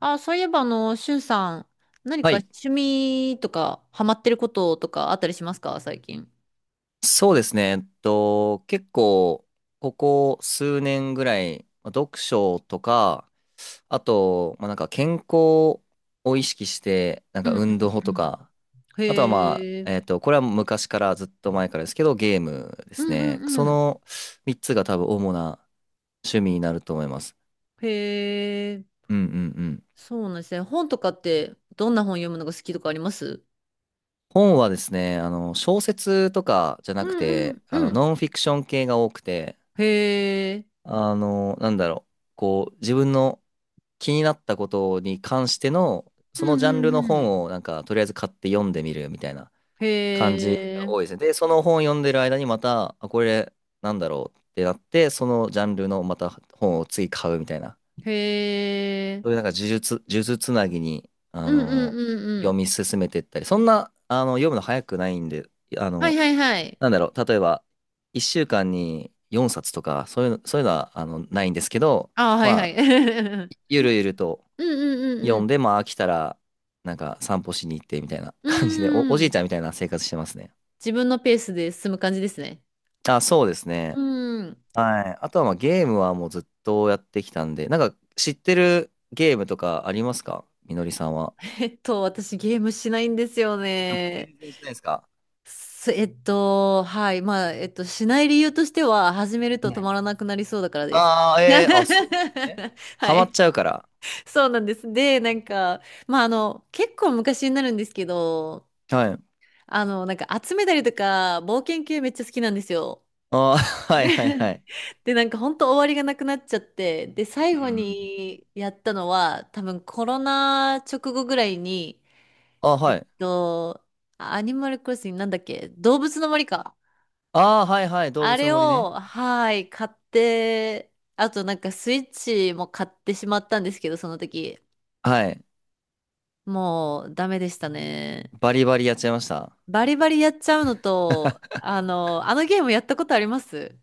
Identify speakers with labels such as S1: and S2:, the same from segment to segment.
S1: あ、そういえば、しゅんさん、何
S2: は
S1: か
S2: い。
S1: 趣味とか、ハマってることとかあったりしますか、最近。
S2: そうですね。結構、ここ数年ぐらい、まあ読書とか、あと、まあ、なんか健康を意識して、なん
S1: う
S2: か
S1: んうん
S2: 運動と
S1: う
S2: か、
S1: ん。
S2: あとはま
S1: へえ。
S2: あ、これは昔からずっと前からですけど、ゲームで
S1: う
S2: す
S1: ん
S2: ね。
S1: う
S2: そ
S1: んうん。
S2: の3つが多分主な趣味になると思います。
S1: へえ。
S2: うんうんうん。
S1: そうなんですね。本とかって、どんな本読むのが好きとかあります
S2: 本はですね、小説とかじゃ
S1: う
S2: なく
S1: んう
S2: て、
S1: んうん。
S2: ノンフィクション系が多くて、
S1: へえ。
S2: なんだろう。こう、自分の気になったことに関しての、
S1: う
S2: そのジ
S1: ん
S2: ャン
S1: う
S2: ル
S1: ん
S2: の
S1: う
S2: 本
S1: ん。
S2: をなんかとりあえず買って読んでみるみたいな、
S1: へえ。
S2: 多いですね。で、その本を読んでる間にまた、あ、これなんだろうってなって、そのジャンルのまた本を次買うみたいな、
S1: へえ。
S2: そういうなんか呪術つなぎに、
S1: うんうんうんう
S2: 読
S1: ん。
S2: み進めていったり、そんな、読むの早くないんで、あ
S1: はい
S2: の、
S1: はいはい。
S2: なんだろう、例えば、1週間に4冊とか、そういうのは、ないんですけど、
S1: ああ、はいは
S2: まあ、
S1: い。うん
S2: ゆるゆると
S1: うんう
S2: 読ん
S1: ん
S2: で、まあ飽きたら、なんか散歩しに行ってみたいな
S1: う
S2: 感じで、お、
S1: ん。
S2: お
S1: う
S2: じ
S1: ー
S2: いちゃん
S1: ん。
S2: みたいな生活してますね。
S1: 自分のペースで進む感じですね。
S2: あ、そうです
S1: う
S2: ね。
S1: ーん。
S2: はい。あとはまあゲームはもうずっとやってきたんで、なんか知ってるゲームとかありますか、みのりさんは？
S1: 私ゲームしないんですよ
S2: あ、
S1: ね。
S2: 全然しないですか？
S1: すはい。まあ、しない理由としては、始めると止
S2: ね。
S1: まらなくなりそうだからです。
S2: ああ、あ、そうなんですね。
S1: は
S2: ハマっ
S1: い。
S2: ちゃうから。
S1: そうなんです。で、なんか、まあ、結構昔になるんですけど、
S2: はい。
S1: なんか集めたりとか、冒険系めっちゃ好きなんですよ。
S2: ああ、はいはいは い。
S1: で、なんか本当終わりがなくなっちゃって、で、最
S2: うんうん
S1: 後
S2: うん。
S1: にやったのは、多分コロナ直後ぐらいに、
S2: あ、
S1: えっ
S2: はい。
S1: と、アニマルクロスになんだっけ、動物の森か。
S2: ああ、はいはい。動
S1: あ
S2: 物の
S1: れ
S2: 森ね。
S1: を、はい、買って、あとなんかスイッチも買ってしまったんですけど、その時。
S2: はい。
S1: もうダメでしたね。
S2: バリバリやっちゃいました。
S1: バリバリやっちゃうのと、あのゲームやったことあります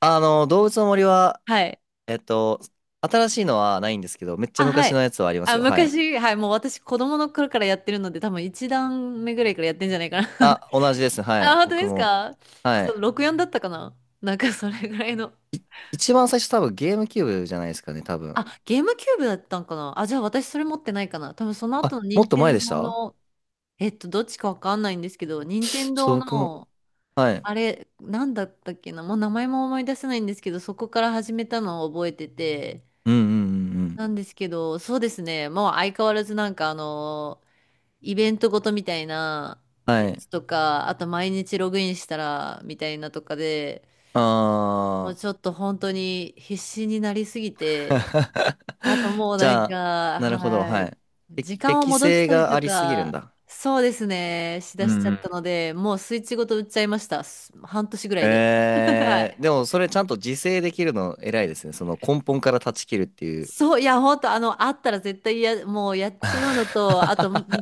S2: 動物の森は、
S1: はい。
S2: えっと、新しいのはないんですけど、めっちゃ
S1: あ、は
S2: 昔の
S1: い。
S2: やつはあります
S1: あ、
S2: よ。はい。
S1: 昔、はい、もう私子供の頃からやってるので、多分一段目ぐらいからやってんじゃないかな。
S2: あ、同じです。はい。
S1: あ、本当
S2: 僕
S1: です
S2: も。
S1: か
S2: は
S1: そ
S2: い。
S1: う、64だったかななんかそれぐらいの。
S2: い一番最初多分ゲームキューブじゃないですかね、多分。
S1: あ、ゲームキューブだったんかなあ、じゃあ私それ持ってないかな多分その
S2: あ、
S1: 後の
S2: も
S1: 任
S2: っと前
S1: 天
S2: でし
S1: 堂
S2: た？
S1: の、どっちかわかんないんですけど、
S2: ち
S1: 任天
S2: ょっと
S1: 堂
S2: 僕も。
S1: の、
S2: はい。
S1: あれ、なんだったっけなもう名前も思い出せないんですけど、そこから始めたのを覚えてて、
S2: うんうんうんうん。
S1: なんですけど、そうですね、もう相変わらずなんかあのイベントごとみたいなや
S2: はい。
S1: つとか、あと毎日ログインしたらみたいなとかで、もう
S2: あ
S1: ちょ
S2: ー。
S1: っと本当に必死になりすぎて、あと もう
S2: じ
S1: なん
S2: ゃあ、
S1: か、
S2: なるほど。
S1: は
S2: は
S1: い、
S2: い。て
S1: 時間を
S2: 適
S1: 戻し
S2: 性
S1: たり
S2: が
S1: と
S2: ありすぎるん
S1: か、
S2: だ。
S1: そうですね、し
S2: う
S1: だ
S2: ん
S1: しちゃ
S2: う
S1: っ
S2: ん。
S1: たので、もうスイッチごと売っちゃいました。す半年ぐらいで。は
S2: え
S1: い。
S2: ー、でもそれちゃんと自制できるの偉いですね。その根本から断ち切るっていう。
S1: そう、いや、本当あったら絶対や、もうやっちゃうのと、あと、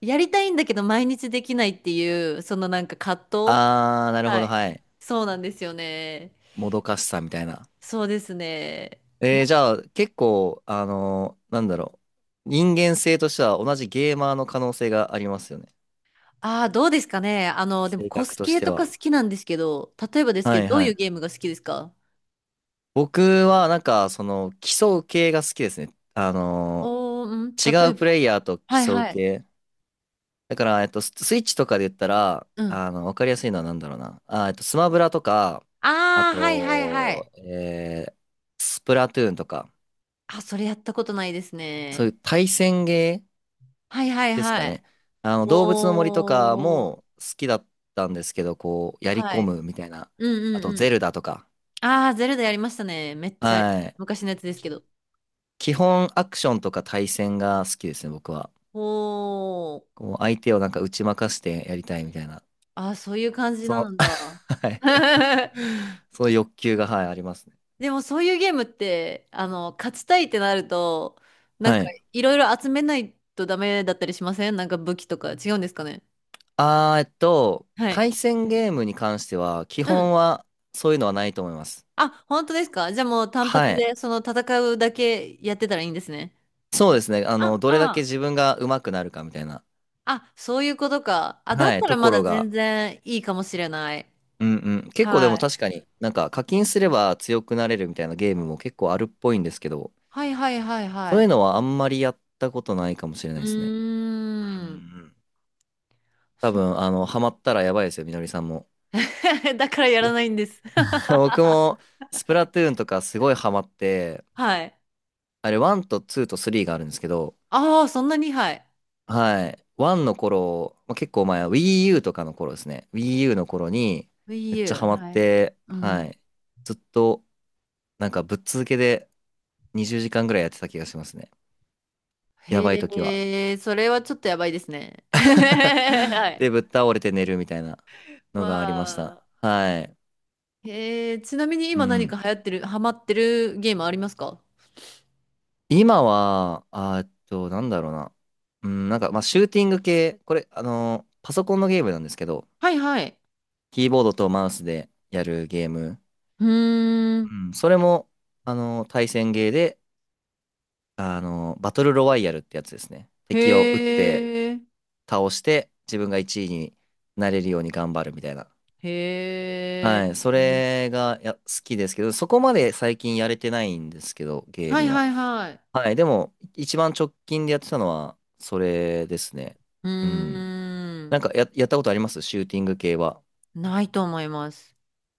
S1: やりたいんだけど毎日できないっていう、そのなんか葛藤。
S2: あー、なる
S1: は
S2: ほど、
S1: い。
S2: はい。
S1: そうなんですよね。
S2: もどかしさみたいな。
S1: そうですね。
S2: えー、じゃあ、結構、なんだろう。人間性としては同じゲーマーの可能性がありますよね。
S1: ああー、どうですかね。でも
S2: 性
S1: コ
S2: 格
S1: ス
S2: とし
S1: 系
S2: て
S1: とか
S2: は。
S1: 好きなんですけど、例えばですけ
S2: は
S1: ど、
S2: い
S1: どう
S2: は
S1: いう
S2: い。
S1: ゲームが好きですか
S2: 僕は、なんか、その、競う系が好きですね。
S1: おー、うん、
S2: 違
S1: 例え
S2: うプレ
S1: ば。
S2: イヤーと
S1: はい
S2: 競う
S1: はい。
S2: 系。だから、スイッチとかで言ったら、
S1: うん。
S2: わかりやすいのはなんだろうな。あー、スマブラとか、あ
S1: ああ、はいはいはい。
S2: と、スプラトゥーンとか、
S1: あ、それやったことないです
S2: そう
S1: ね。
S2: いう対戦ゲー
S1: はいはい
S2: ですか
S1: はい。
S2: ね。動物の森とか
S1: おー、
S2: も好きだったんですけど、こう、やり
S1: は
S2: 込
S1: い。
S2: むみたいな。
S1: うん
S2: あ
S1: う
S2: と、
S1: んう
S2: ゼ
S1: ん。
S2: ルダとか。
S1: ああ、ゼルダやりましたね。めっちゃ
S2: はい。
S1: 昔のやつですけど。
S2: 基本、アクションとか対戦が好きですね、僕は。
S1: おー、
S2: こう、相手をなんか打ち負かしてやりたいみたいな。
S1: ああ、そういう感じ
S2: そ
S1: な
S2: の
S1: んだ。
S2: はい。そういう欲求が、はい、ありますね。
S1: でもそういうゲームって、勝ちたいってなると、なん
S2: は
S1: か
S2: い。
S1: いろいろ集めないとダメだったりしませんなんか武器とか違うんですかね
S2: あー、
S1: はい。
S2: 対戦ゲームに関しては、基
S1: う
S2: 本
S1: ん。
S2: はそういうのはないと思います。
S1: あ、本当ですかじゃあもう単
S2: は
S1: 発
S2: い。
S1: でその戦うだけやってたらいいんですね。
S2: そうですね。
S1: あ、
S2: どれだけ
S1: あ、
S2: 自分が上手くなるかみたいな、
S1: あ、そういうことか。あ、だっ
S2: はい、
S1: たら
S2: と
S1: ま
S2: こ
S1: だ
S2: ろが。
S1: 全然いいかもしれない。
S2: うんうん。結構で
S1: は
S2: も
S1: い。
S2: 確かになんか課金すれば強くなれるみたいなゲームも結構あるっぽいんですけど、
S1: はいはいはいは
S2: そういう
S1: い。
S2: のはあんまりやったことないかもしれ
S1: う
S2: ないですね。うんうんう
S1: ーん。
S2: ん。多
S1: そう
S2: 分、ハマったらやばいですよ、みのりさんも。
S1: だからやら
S2: 僕
S1: ないんです。
S2: 僕も、スプラトゥーンとかすごいハマって、
S1: はい。
S2: あれ、1と2と3があるんですけど、
S1: ああ、そんなに、はい。
S2: はい。1の頃、まあ、結構前、Wii U とかの頃ですね。Wii U の頃に、めっちゃ
S1: VU、
S2: ハマっ
S1: はい。
S2: て、
S1: う
S2: は
S1: ん。
S2: い。ずっと、なんかぶっ続けで20時間ぐらいやってた気がしますね。やばい時は。
S1: へえ、それはちょっとやばいですね。は
S2: で、
S1: い。
S2: ぶっ倒れて寝るみたいなの
S1: わ
S2: がありました。
S1: あ。
S2: はい。
S1: へえ、ちなみに
S2: う
S1: 今何か
S2: ん。
S1: 流行ってる、ハマってるゲームありますか
S2: 今は、あーっと、なんだろうな。うん、なんか、まあ、シューティング系、これ、パソコンのゲームなんですけど、
S1: はいはい。
S2: キーボードとマウスでやるゲーム。
S1: うーん。
S2: うん、それも、対戦ゲーで、バトルロワイヤルってやつですね。
S1: へ
S2: 敵を撃って、
S1: え。
S2: 倒して、自分が1位になれるように頑張るみたいな。
S1: へ
S2: はい。
S1: え。
S2: それが、好きですけど、そこまで最近やれてないんですけど、ゲ
S1: は
S2: ー
S1: い
S2: ムは。
S1: はいはい。
S2: はい。でも、一番直近でやってたのは、それですね。
S1: うー
S2: うん。なん
S1: ん。
S2: かやったことありますシューティング系は？
S1: ないと思います。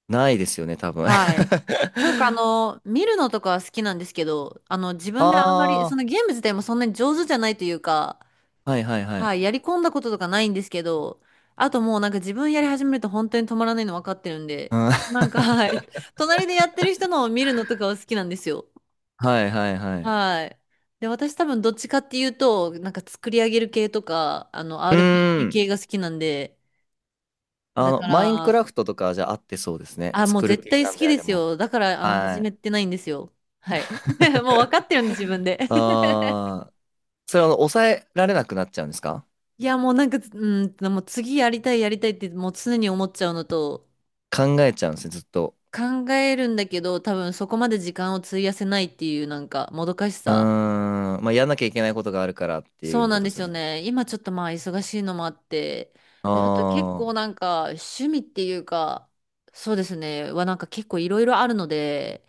S2: ないですよね、多分。
S1: はい。なんかあの、見るのとかは好きなんですけど、自分であんまり、そ
S2: ああ、
S1: のゲーム自体もそんなに上手じゃないというか、
S2: はいはいは
S1: は
S2: い。
S1: い、やり込んだこととかないんですけど、あともうなんか自分やり始めると本当に止まらないの分かってるんで、
S2: うん
S1: なんか、はい、隣でやってる人のを見るのとかは好きなんですよ。
S2: はいはいはい。
S1: はい。で、私多分どっちかっていうと、なんか作り上げる系とか、
S2: うー
S1: RPG
S2: ん。
S1: 系が好きなんで、だか
S2: マインク
S1: ら、
S2: ラフトとかじゃ合ってそうですね。
S1: あ、もう
S2: 作る
S1: 絶
S2: 系
S1: 対
S2: な
S1: 好
S2: んで
S1: き
S2: あ
S1: で
S2: れ
S1: す
S2: も。
S1: よ。だから、
S2: は
S1: 始め
S2: い。
S1: てないんですよ。はい。もう 分かってるんで、自分で。
S2: ああ、それは抑えられなくなっちゃうんですか？
S1: いや、もうなんか、うん、もう次やりたい、やりたいって、もう常に思っちゃうのと、
S2: 考えちゃうんですね、ずっと。
S1: 考えるんだけど、多分そこまで時間を費やせないっていうなんかもどかし
S2: うー
S1: さ。
S2: ん、まあ、やんなきゃいけないことがあるからってい
S1: そう
S2: う
S1: な
S2: こ
S1: ん
S2: と
S1: で
S2: です
S1: す
S2: よ
S1: よ
S2: ね。
S1: ね。今ちょっとまあ忙しいのもあって。で、あと結構
S2: あ
S1: なんか趣味っていうか、そうですね。はなんか結構いろいろあるので、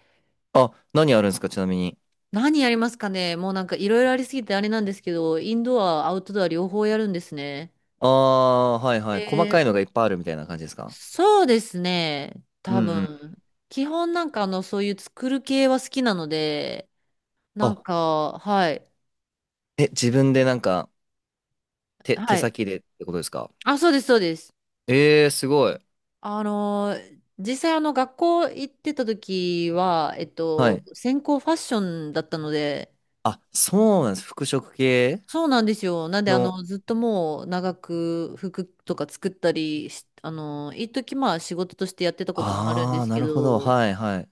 S2: あ。あ、何あるんですか、ちなみに。
S1: 何やりますかね。もうなんかいろいろありすぎてあれなんですけど、インドア、アウトドア両方やるんですね。
S2: ああ、はいはい。細か
S1: で、
S2: いのがいっぱいあるみたいな感じですか？
S1: そうですね。
S2: うんう
S1: 多
S2: ん。
S1: 分。基本なんかあの、そういう作る系は好きなので、な
S2: あ、
S1: んか、はい。
S2: え、自分でなんか、手、手
S1: はい。
S2: 先でってことですか？
S1: あ、そうです、そうです。
S2: ええすごい。
S1: 実際あの、学校行ってた時は、
S2: はい。
S1: 専攻ファッションだったので、
S2: あ、そうなんです。服飾系
S1: そうなんですよ。なんで、
S2: の。
S1: ずっともう長く服とか作ったりし、一時まあ仕事としてやってたこともあるんで
S2: ああ、
S1: す
S2: な
S1: け
S2: るほど。
S1: ど、
S2: はいはい。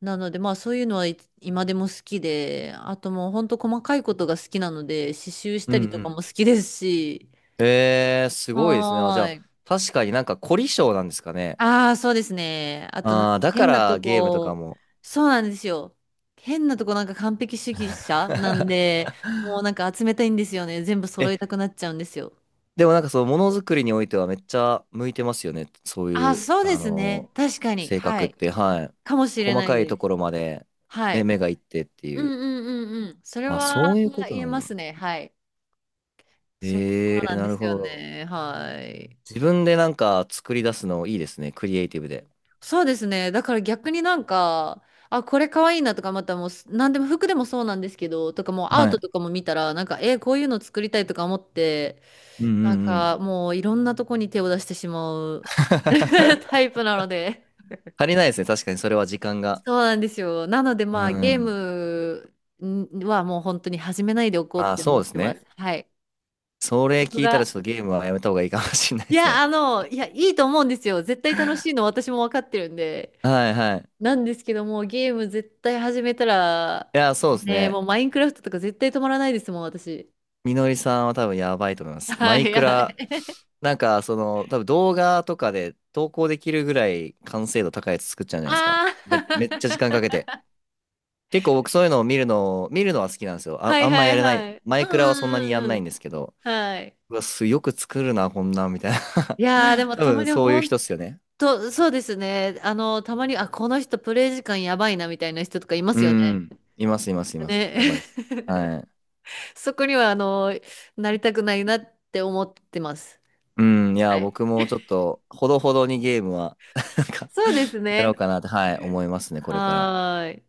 S1: なのでまあそういうのはい今でも好きで、あともうほんと細かいことが好きなので、刺繍し
S2: うん
S1: た
S2: う
S1: りとかも
S2: ん。
S1: 好きですし、
S2: ええすごいですね。あ、じ
S1: は
S2: ゃあ、
S1: ーい。
S2: 確かになんか凝り性なんですかね。
S1: ああ、そうですね。あとなん
S2: あ
S1: か
S2: あ、だか
S1: 変なと
S2: らゲームとか
S1: こ、
S2: も。
S1: そうなんですよ。変なとこなんか完璧主義者なん で、もうなんか集めたいんですよね。全部揃
S2: え、
S1: えたくなっちゃうんですよ。
S2: でもなんかそう、ものづくりにおいてはめっちゃ向いてますよね。そう
S1: あ
S2: い
S1: あ、
S2: う、
S1: そうですね。確かに。
S2: 性
S1: は
S2: 格っ
S1: い。
S2: て、はい。
S1: かもしれ
S2: 細
S1: ない
S2: かいと
S1: です。
S2: ころまで、
S1: は
S2: ね、
S1: い。
S2: 目がいってって
S1: う
S2: い
S1: んう
S2: う。
S1: んうんうん。それ
S2: あ、そ
S1: は
S2: ういうこと
S1: 言
S2: な
S1: え
S2: ん
S1: ま
S2: だ。
S1: すね。はい。そういうところ
S2: えー
S1: なんで
S2: なる
S1: す
S2: ほ
S1: よ
S2: ど。
S1: ね。はい。
S2: 自分でなんか作り出すのいいですね。クリエイティブで。
S1: そうですね。だから逆になんか、あ、これ可愛いなとか、またもう、なんでも服でもそうなんですけど、とかもうアウ
S2: は
S1: ト
S2: い。
S1: とかも見たら、なんか、えーこういうの作りたいとか思って、
S2: うんう
S1: なん
S2: んうん。
S1: かもういろんなとこに手を出してしまう タイプなので。
S2: 足りないですね。確かにそれは時間が。
S1: そうなんですよ。なので
S2: う
S1: まあ、ゲー
S2: ん。
S1: ムんはもう本当に始めないでおこうっ
S2: まあ
S1: て
S2: そ
S1: 思っ
S2: うです
S1: てま
S2: ね。
S1: す。はい。
S2: それ
S1: 僕
S2: 聞いた
S1: が、
S2: らちょっとゲームはやめた方がいいかもしれない
S1: い
S2: です
S1: や、
S2: ね。
S1: いや、いいと思うんですよ。絶対楽しいの私も分かってるんで。
S2: はいはい。い
S1: なんですけども、ゲーム絶対始めたら、
S2: や、そうです
S1: ね、もう
S2: ね。
S1: マインクラフトとか絶対止まらないですもん、私。
S2: みのりさんは多分やばいと思います。
S1: は
S2: マイ
S1: い
S2: ク
S1: は
S2: ラ、
S1: い。
S2: なんかその、多分動画とかで投稿できるぐらい完成度高いやつ作っちゃうん じゃないですか？
S1: あ
S2: めっちゃ時間かけ
S1: あ、
S2: て。結構僕そういうのを見るのは好きなんですよ。あ、
S1: はい
S2: あんま
S1: は
S2: や
S1: い
S2: れな
S1: は
S2: い。
S1: い。
S2: マ
S1: うん
S2: イクラはそんなに
S1: うん
S2: やん
S1: うん
S2: な
S1: う
S2: いんです
S1: ん。
S2: けど。
S1: はい。
S2: うわ、よく作るな、こんなん、みたいな。
S1: いやー、で も
S2: 多
S1: たま
S2: 分
S1: に
S2: そういう
S1: ほん
S2: 人っすよね。
S1: と、そうですね。たまに、あ、この人プレイ時間やばいなみたいな人とかいま
S2: う
S1: すよね。
S2: ん。います、います、います。やば
S1: ね。
S2: いです。はい。
S1: そこには、なりたくないなって思ってます。
S2: うん。い
S1: は
S2: や、
S1: い。
S2: 僕もちょっと、ほどほどにゲームは、なんか、
S1: そうです
S2: やろう
S1: ね。
S2: かなって、はい、思いますね、これから。
S1: はーい。